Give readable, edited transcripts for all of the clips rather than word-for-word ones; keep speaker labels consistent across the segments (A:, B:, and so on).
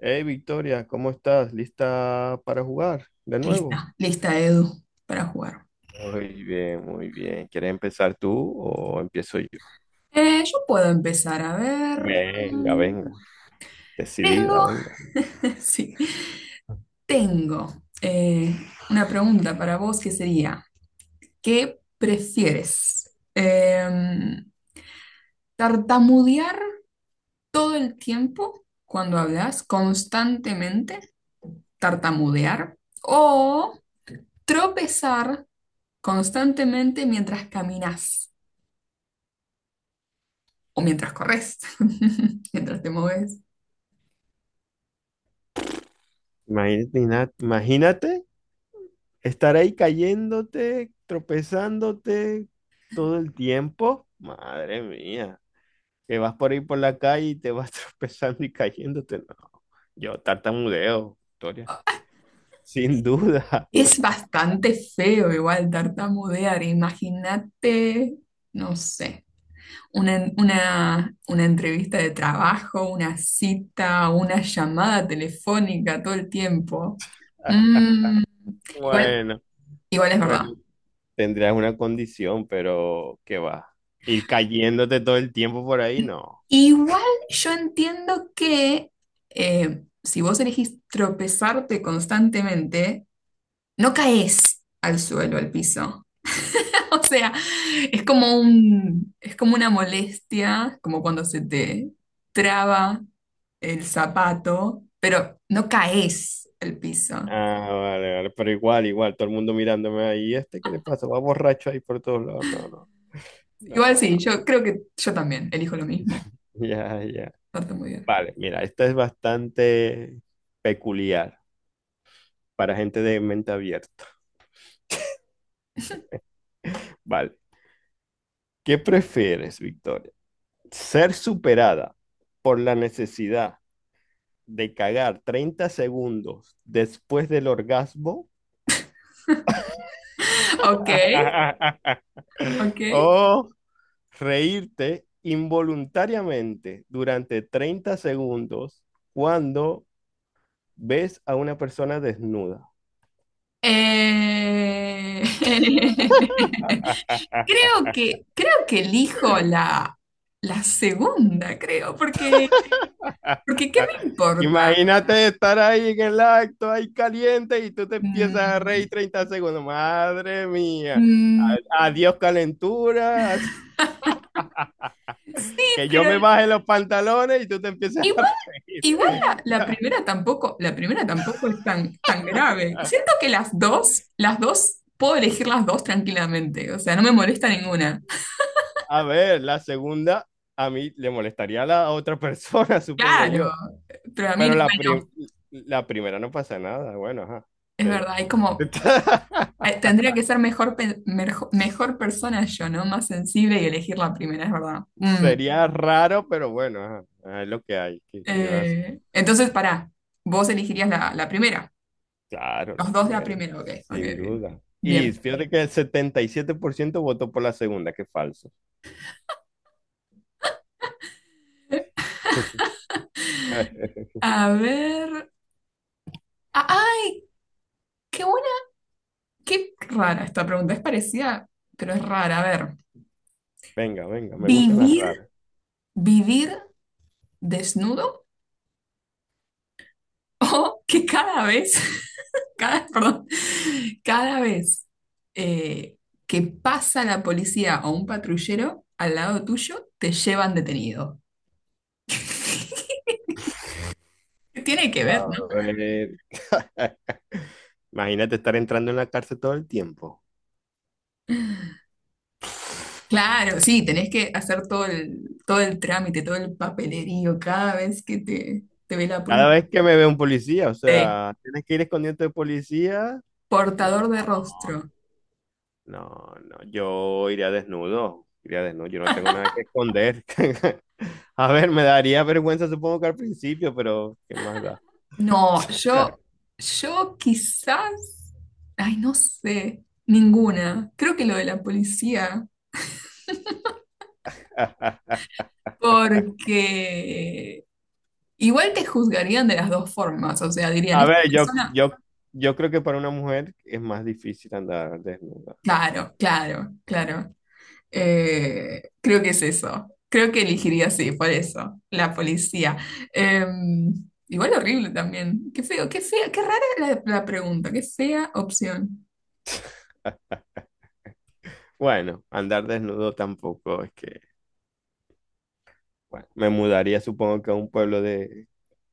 A: Hey Victoria, ¿cómo estás? ¿Lista para jugar de nuevo?
B: Lista, lista, Edu, para jugar.
A: Muy bien, muy bien. ¿Quieres empezar tú o empiezo yo?
B: Yo puedo empezar A ver.
A: Venga, venga, decidida,
B: Tengo,
A: venga.
B: sí, tengo eh, una pregunta para vos que sería, ¿qué prefieres? ¿Tartamudear todo el tiempo cuando hablas, constantemente tartamudear? ¿O tropezar constantemente mientras caminas o mientras corres, mientras te mueves?
A: Imagínate, imagínate estar ahí cayéndote, tropezándote todo el tiempo. Madre mía, que vas por ahí por la calle y te vas tropezando y cayéndote. No, yo tartamudeo, Victoria. Sin duda.
B: Es bastante feo igual tartamudear. Imagínate, no sé, una entrevista de trabajo, una cita, una llamada telefónica todo el tiempo. Mm, igual,
A: Bueno,
B: igual es
A: bueno,
B: verdad.
A: tendrías una condición, pero ¿qué va? Ir cayéndote todo el tiempo por ahí, no.
B: Igual yo entiendo que si vos elegís tropezarte constantemente, no caes al suelo, al piso. O sea, es como una molestia, como cuando se te traba el zapato, pero no caes el piso.
A: Ah, vale, vale, pero igual, igual, todo el mundo mirándome ahí, ¿este qué le pasa? Va borracho ahí por todos lados. No, no,
B: Igual
A: no,
B: sí,
A: no.
B: yo creo que yo también elijo lo mismo.
A: Ya, ya.
B: No tengo idea.
A: Vale, mira, esta es bastante peculiar para gente de mente abierta. Vale. ¿Qué prefieres, Victoria? ¿Ser superada por la necesidad de cagar 30 segundos después del orgasmo
B: Ok, ok.
A: o reírte involuntariamente durante 30 segundos cuando ves a una persona desnuda?
B: Eh, creo que elijo la segunda, creo, porque ¿qué me importa?
A: Imagínate estar ahí en el acto, ahí caliente, y tú te empiezas a
B: Mm,
A: reír 30 segundos. Madre mía.
B: mm,
A: Adiós calentura.
B: sí,
A: Que yo
B: pero
A: me baje los pantalones y tú te empiezas
B: Igual,
A: a reír.
B: igual la primera tampoco, la primera tampoco es tan, tan grave. Siento que las dos, puedo elegir las dos tranquilamente. O sea, no me molesta ninguna.
A: A ver, la segunda a mí le molestaría a la otra persona, supongo
B: Claro,
A: yo.
B: pero a mí,
A: Claro.
B: bueno,
A: La primera no pasa nada. Bueno, ajá.
B: es
A: Te-
B: verdad, es como, tendría que ser mejor, mejor persona yo, ¿no? Más sensible y elegir la primera, es verdad. Mm,
A: Sería raro, pero bueno, ajá. Ah, es lo que hay. ¿Qué vas?
B: eh, entonces, pará, vos elegirías la primera.
A: Claro, la
B: Los dos de la
A: primera,
B: primera, ok, ok,
A: sin
B: ok.
A: duda. Y
B: Bien.
A: fíjate que el 77% votó por la segunda, qué falso.
B: A ver. ¡Ay! ¡Qué buena! Qué rara esta pregunta, es parecida, pero es rara. A ver,
A: Venga, venga, me gustan las
B: ¿vivir,
A: raras.
B: vivir desnudo o que cada vez, cada, perdón, cada vez eh, que pasa la policía o un patrullero al lado tuyo, te llevan detenido? Tiene que
A: A
B: ver, ¿no?
A: ver. Imagínate estar entrando en la cárcel todo el tiempo.
B: Claro, sí, tenés que hacer todo el trámite, todo el papelerío cada vez que te ve la
A: Cada
B: policía.
A: vez que me ve un policía, o
B: Sí.
A: sea, tienes que ir escondiendo de policía. No,
B: Portador de rostro.
A: no, no, yo iría desnudo, yo no tengo nada que esconder. A ver, me daría vergüenza supongo que al principio, pero ¿qué más da?
B: No, yo, yo quizás, ay, no sé, ninguna. Creo que lo de la policía, porque igual te juzgarían de las dos formas, o sea, dirían,
A: A
B: esta
A: ver, yo,
B: persona,
A: yo, yo creo que para una mujer es más difícil andar desnuda.
B: claro, claro, claro. Creo que es eso. Creo que elegiría sí, por eso, la policía. Eh, igual horrible también. Qué feo, qué fea, qué rara la pregunta, qué fea opción.
A: Bueno, andar desnudo tampoco es que, bueno, me mudaría supongo que a un pueblo de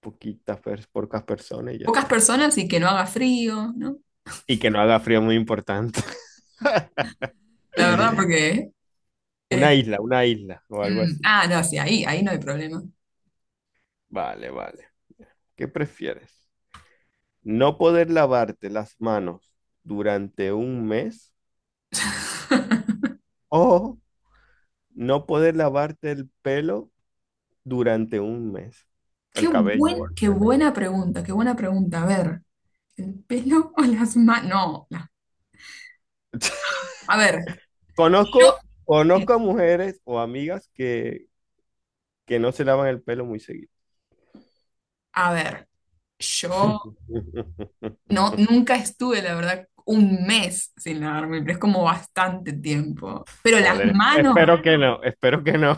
A: pocas personas y ya
B: Pocas
A: está.
B: personas y que no haga frío, ¿no?
A: Y que no haga frío muy importante.
B: La verdad, porque Eh,
A: Una isla o algo así.
B: ah, no, sí, ahí no hay problema.
A: Vale, vale. ¿Qué prefieres? ¿No poder lavarte las manos durante un mes o no poder lavarte el pelo durante un mes?
B: Qué
A: El cabello o el
B: buen, qué
A: pelo.
B: buena pregunta, qué buena pregunta. A ver, ¿el pelo o las manos? No, a ver, yo,
A: Conozco a mujeres o amigas que no se lavan el pelo muy seguido.
B: a ver, yo no, nunca estuve, la verdad, un mes sin lavarme, pero es como bastante tiempo. Pero las
A: Joder,
B: manos,
A: espero que no, espero que no.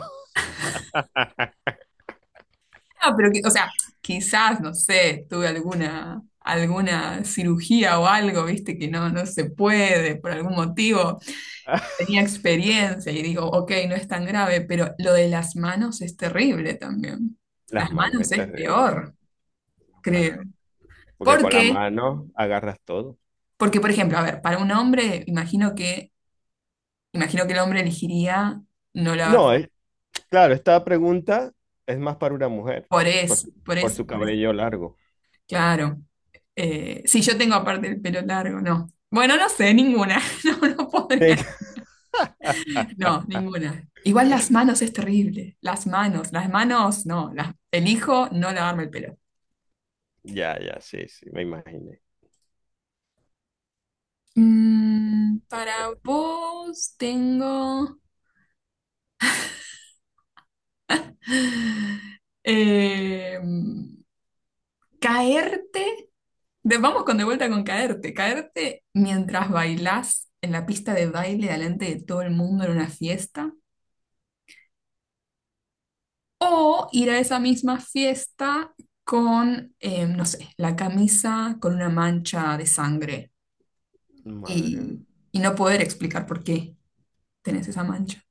B: ah, pero o sea, quizás, no sé, tuve alguna cirugía o algo, viste, que no, no se puede por algún motivo. Tenía experiencia y digo, ok, no es tan grave, pero lo de las manos es terrible también. Las
A: Las manos
B: manos
A: es
B: es
A: terrible,
B: peor,
A: las manos
B: creo.
A: porque
B: ¿Por
A: con la
B: qué?
A: mano agarras todo.
B: Porque, por ejemplo, a ver, para un hombre, imagino que el hombre elegiría no lavarse.
A: No, claro, esta pregunta es más para una mujer,
B: Por
A: por,
B: eso,
A: su
B: por
A: por
B: eso,
A: su
B: por eso.
A: cabello largo.
B: Claro. Si yo tengo aparte el pelo largo, no. Bueno, no sé, ninguna. No, no podría.
A: Sí.
B: No, ninguna. Igual las manos es terrible. Las manos, no. Elijo no lavarme el pelo.
A: Ya, ya, sí, sí, me imaginé.
B: Para vos tengo eh, caerte. Vamos con de vuelta con caerte. Caerte mientras bailás en la pista de baile delante de todo el mundo en una fiesta. O ir a esa misma fiesta con, no sé, la camisa con una mancha de sangre
A: Madre mía.
B: y, y no poder explicar por qué tenés esa mancha.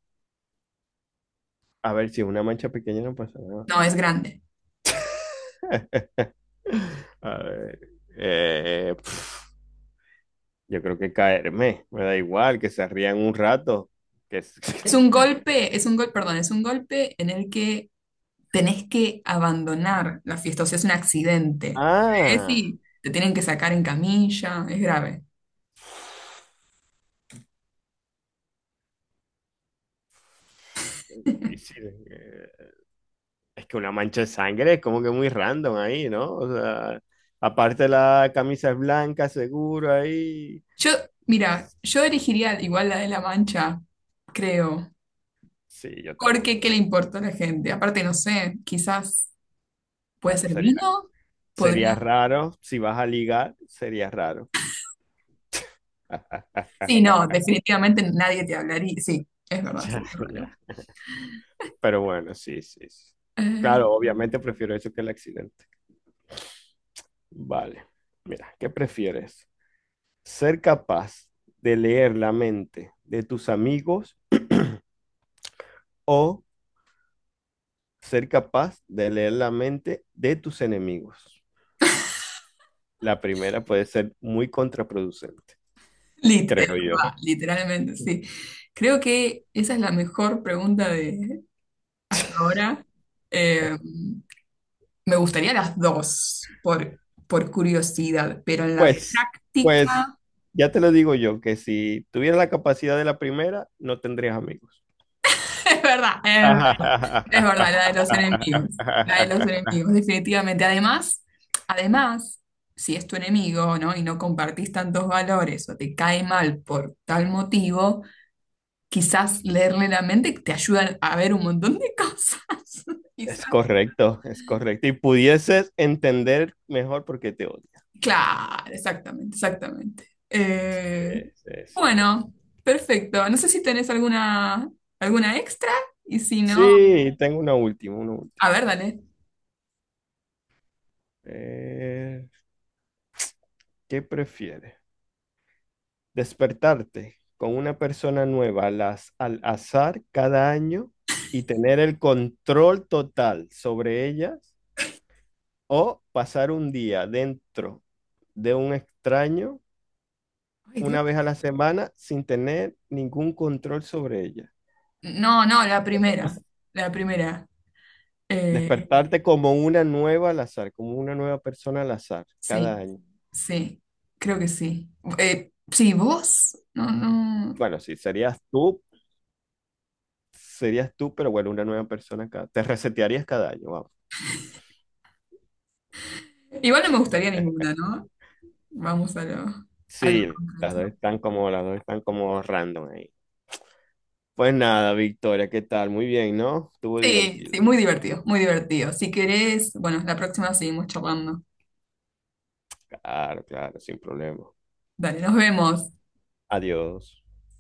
A: A ver, si es una mancha pequeña no pasa nada.
B: No, es grande.
A: A ver. Eh, pf, yo creo que caerme, me da igual, que se rían un rato. Que... s-
B: Es un golpe, es un gol, perdón, es un golpe en el que tenés que abandonar la fiesta, o sea, es un accidente. Es
A: Ah,
B: y te tienen que sacar en camilla, es grave.
A: difícil. Es que una mancha de sangre es como que muy random ahí, ¿no? O sea, aparte la camisa es blanca, seguro ahí.
B: Yo, mira, yo elegiría igual la de La Mancha, creo,
A: Sí, yo
B: porque
A: también.
B: ¿qué le importa a la gente? Aparte, no sé, quizás puede
A: Bueno,
B: ser
A: sería,
B: vino,
A: sería
B: podría.
A: raro. Si vas a ligar, sería raro.
B: Sí, no, definitivamente nadie te hablaría. Sí, es verdad,
A: Ya,
B: sería raro.
A: ya. Pero bueno, sí, sí, sí.
B: Eh,
A: Claro, obviamente prefiero eso que el accidente. Vale. Mira, ¿qué prefieres? ¿Ser capaz de leer la mente de tus amigos o ser capaz de leer la mente de tus enemigos? La primera puede ser muy contraproducente,
B: es
A: creo yo.
B: verdad, literalmente, sí. Creo que esa es la mejor pregunta de hasta ahora. Eh, me gustaría las dos, por curiosidad, pero en la
A: Pues, pues,
B: práctica,
A: ya te lo digo yo, que si tuvieras la capacidad de la primera, no tendrías amigos.
B: es verdad, eh, es verdad, la de los enemigos, la de los enemigos, definitivamente. Además, si es tu enemigo, ¿no? Y no compartís tantos valores o te cae mal por tal motivo, quizás leerle la mente te ayuda a ver un montón de cosas.
A: Es
B: Quizás.
A: correcto, es correcto. Y pudieses entender mejor por qué te odias.
B: Claro, exactamente, exactamente.
A: Sí, sí, sí.
B: Bueno, perfecto. No sé si tenés alguna extra y si no,
A: Sí, tengo una última, una
B: a
A: última.
B: ver, dale.
A: Eh, ¿Qué prefieres? Despertarte con una persona nueva al azar cada año y tener el control total sobre ellas o pasar un día dentro de un extraño
B: Ay,
A: una vez
B: Dios.
A: a la semana sin tener ningún control sobre ellas.
B: No, no, la primera, la primera. Eh,
A: Despertarte como una nueva al azar, como una nueva persona al azar cada
B: sí,
A: año.
B: sí, creo que sí. Sí, vos, no, no.
A: Bueno, sí, serías tú, pero bueno, una nueva persona cada. Te resetearías cada año, vamos.
B: Igual no me gustaría ninguna, ¿no? Vamos a lo
A: Sí,
B: concreto.
A: las dos están como random ahí. Pues nada, Victoria, ¿qué tal? Muy bien, ¿no? Estuvo
B: Sí, sí,
A: divertido.
B: muy divertido, muy divertido. Si querés, bueno, la próxima seguimos charlando.
A: Claro, claro, sin problema.
B: Dale, nos vemos.
A: Adiós.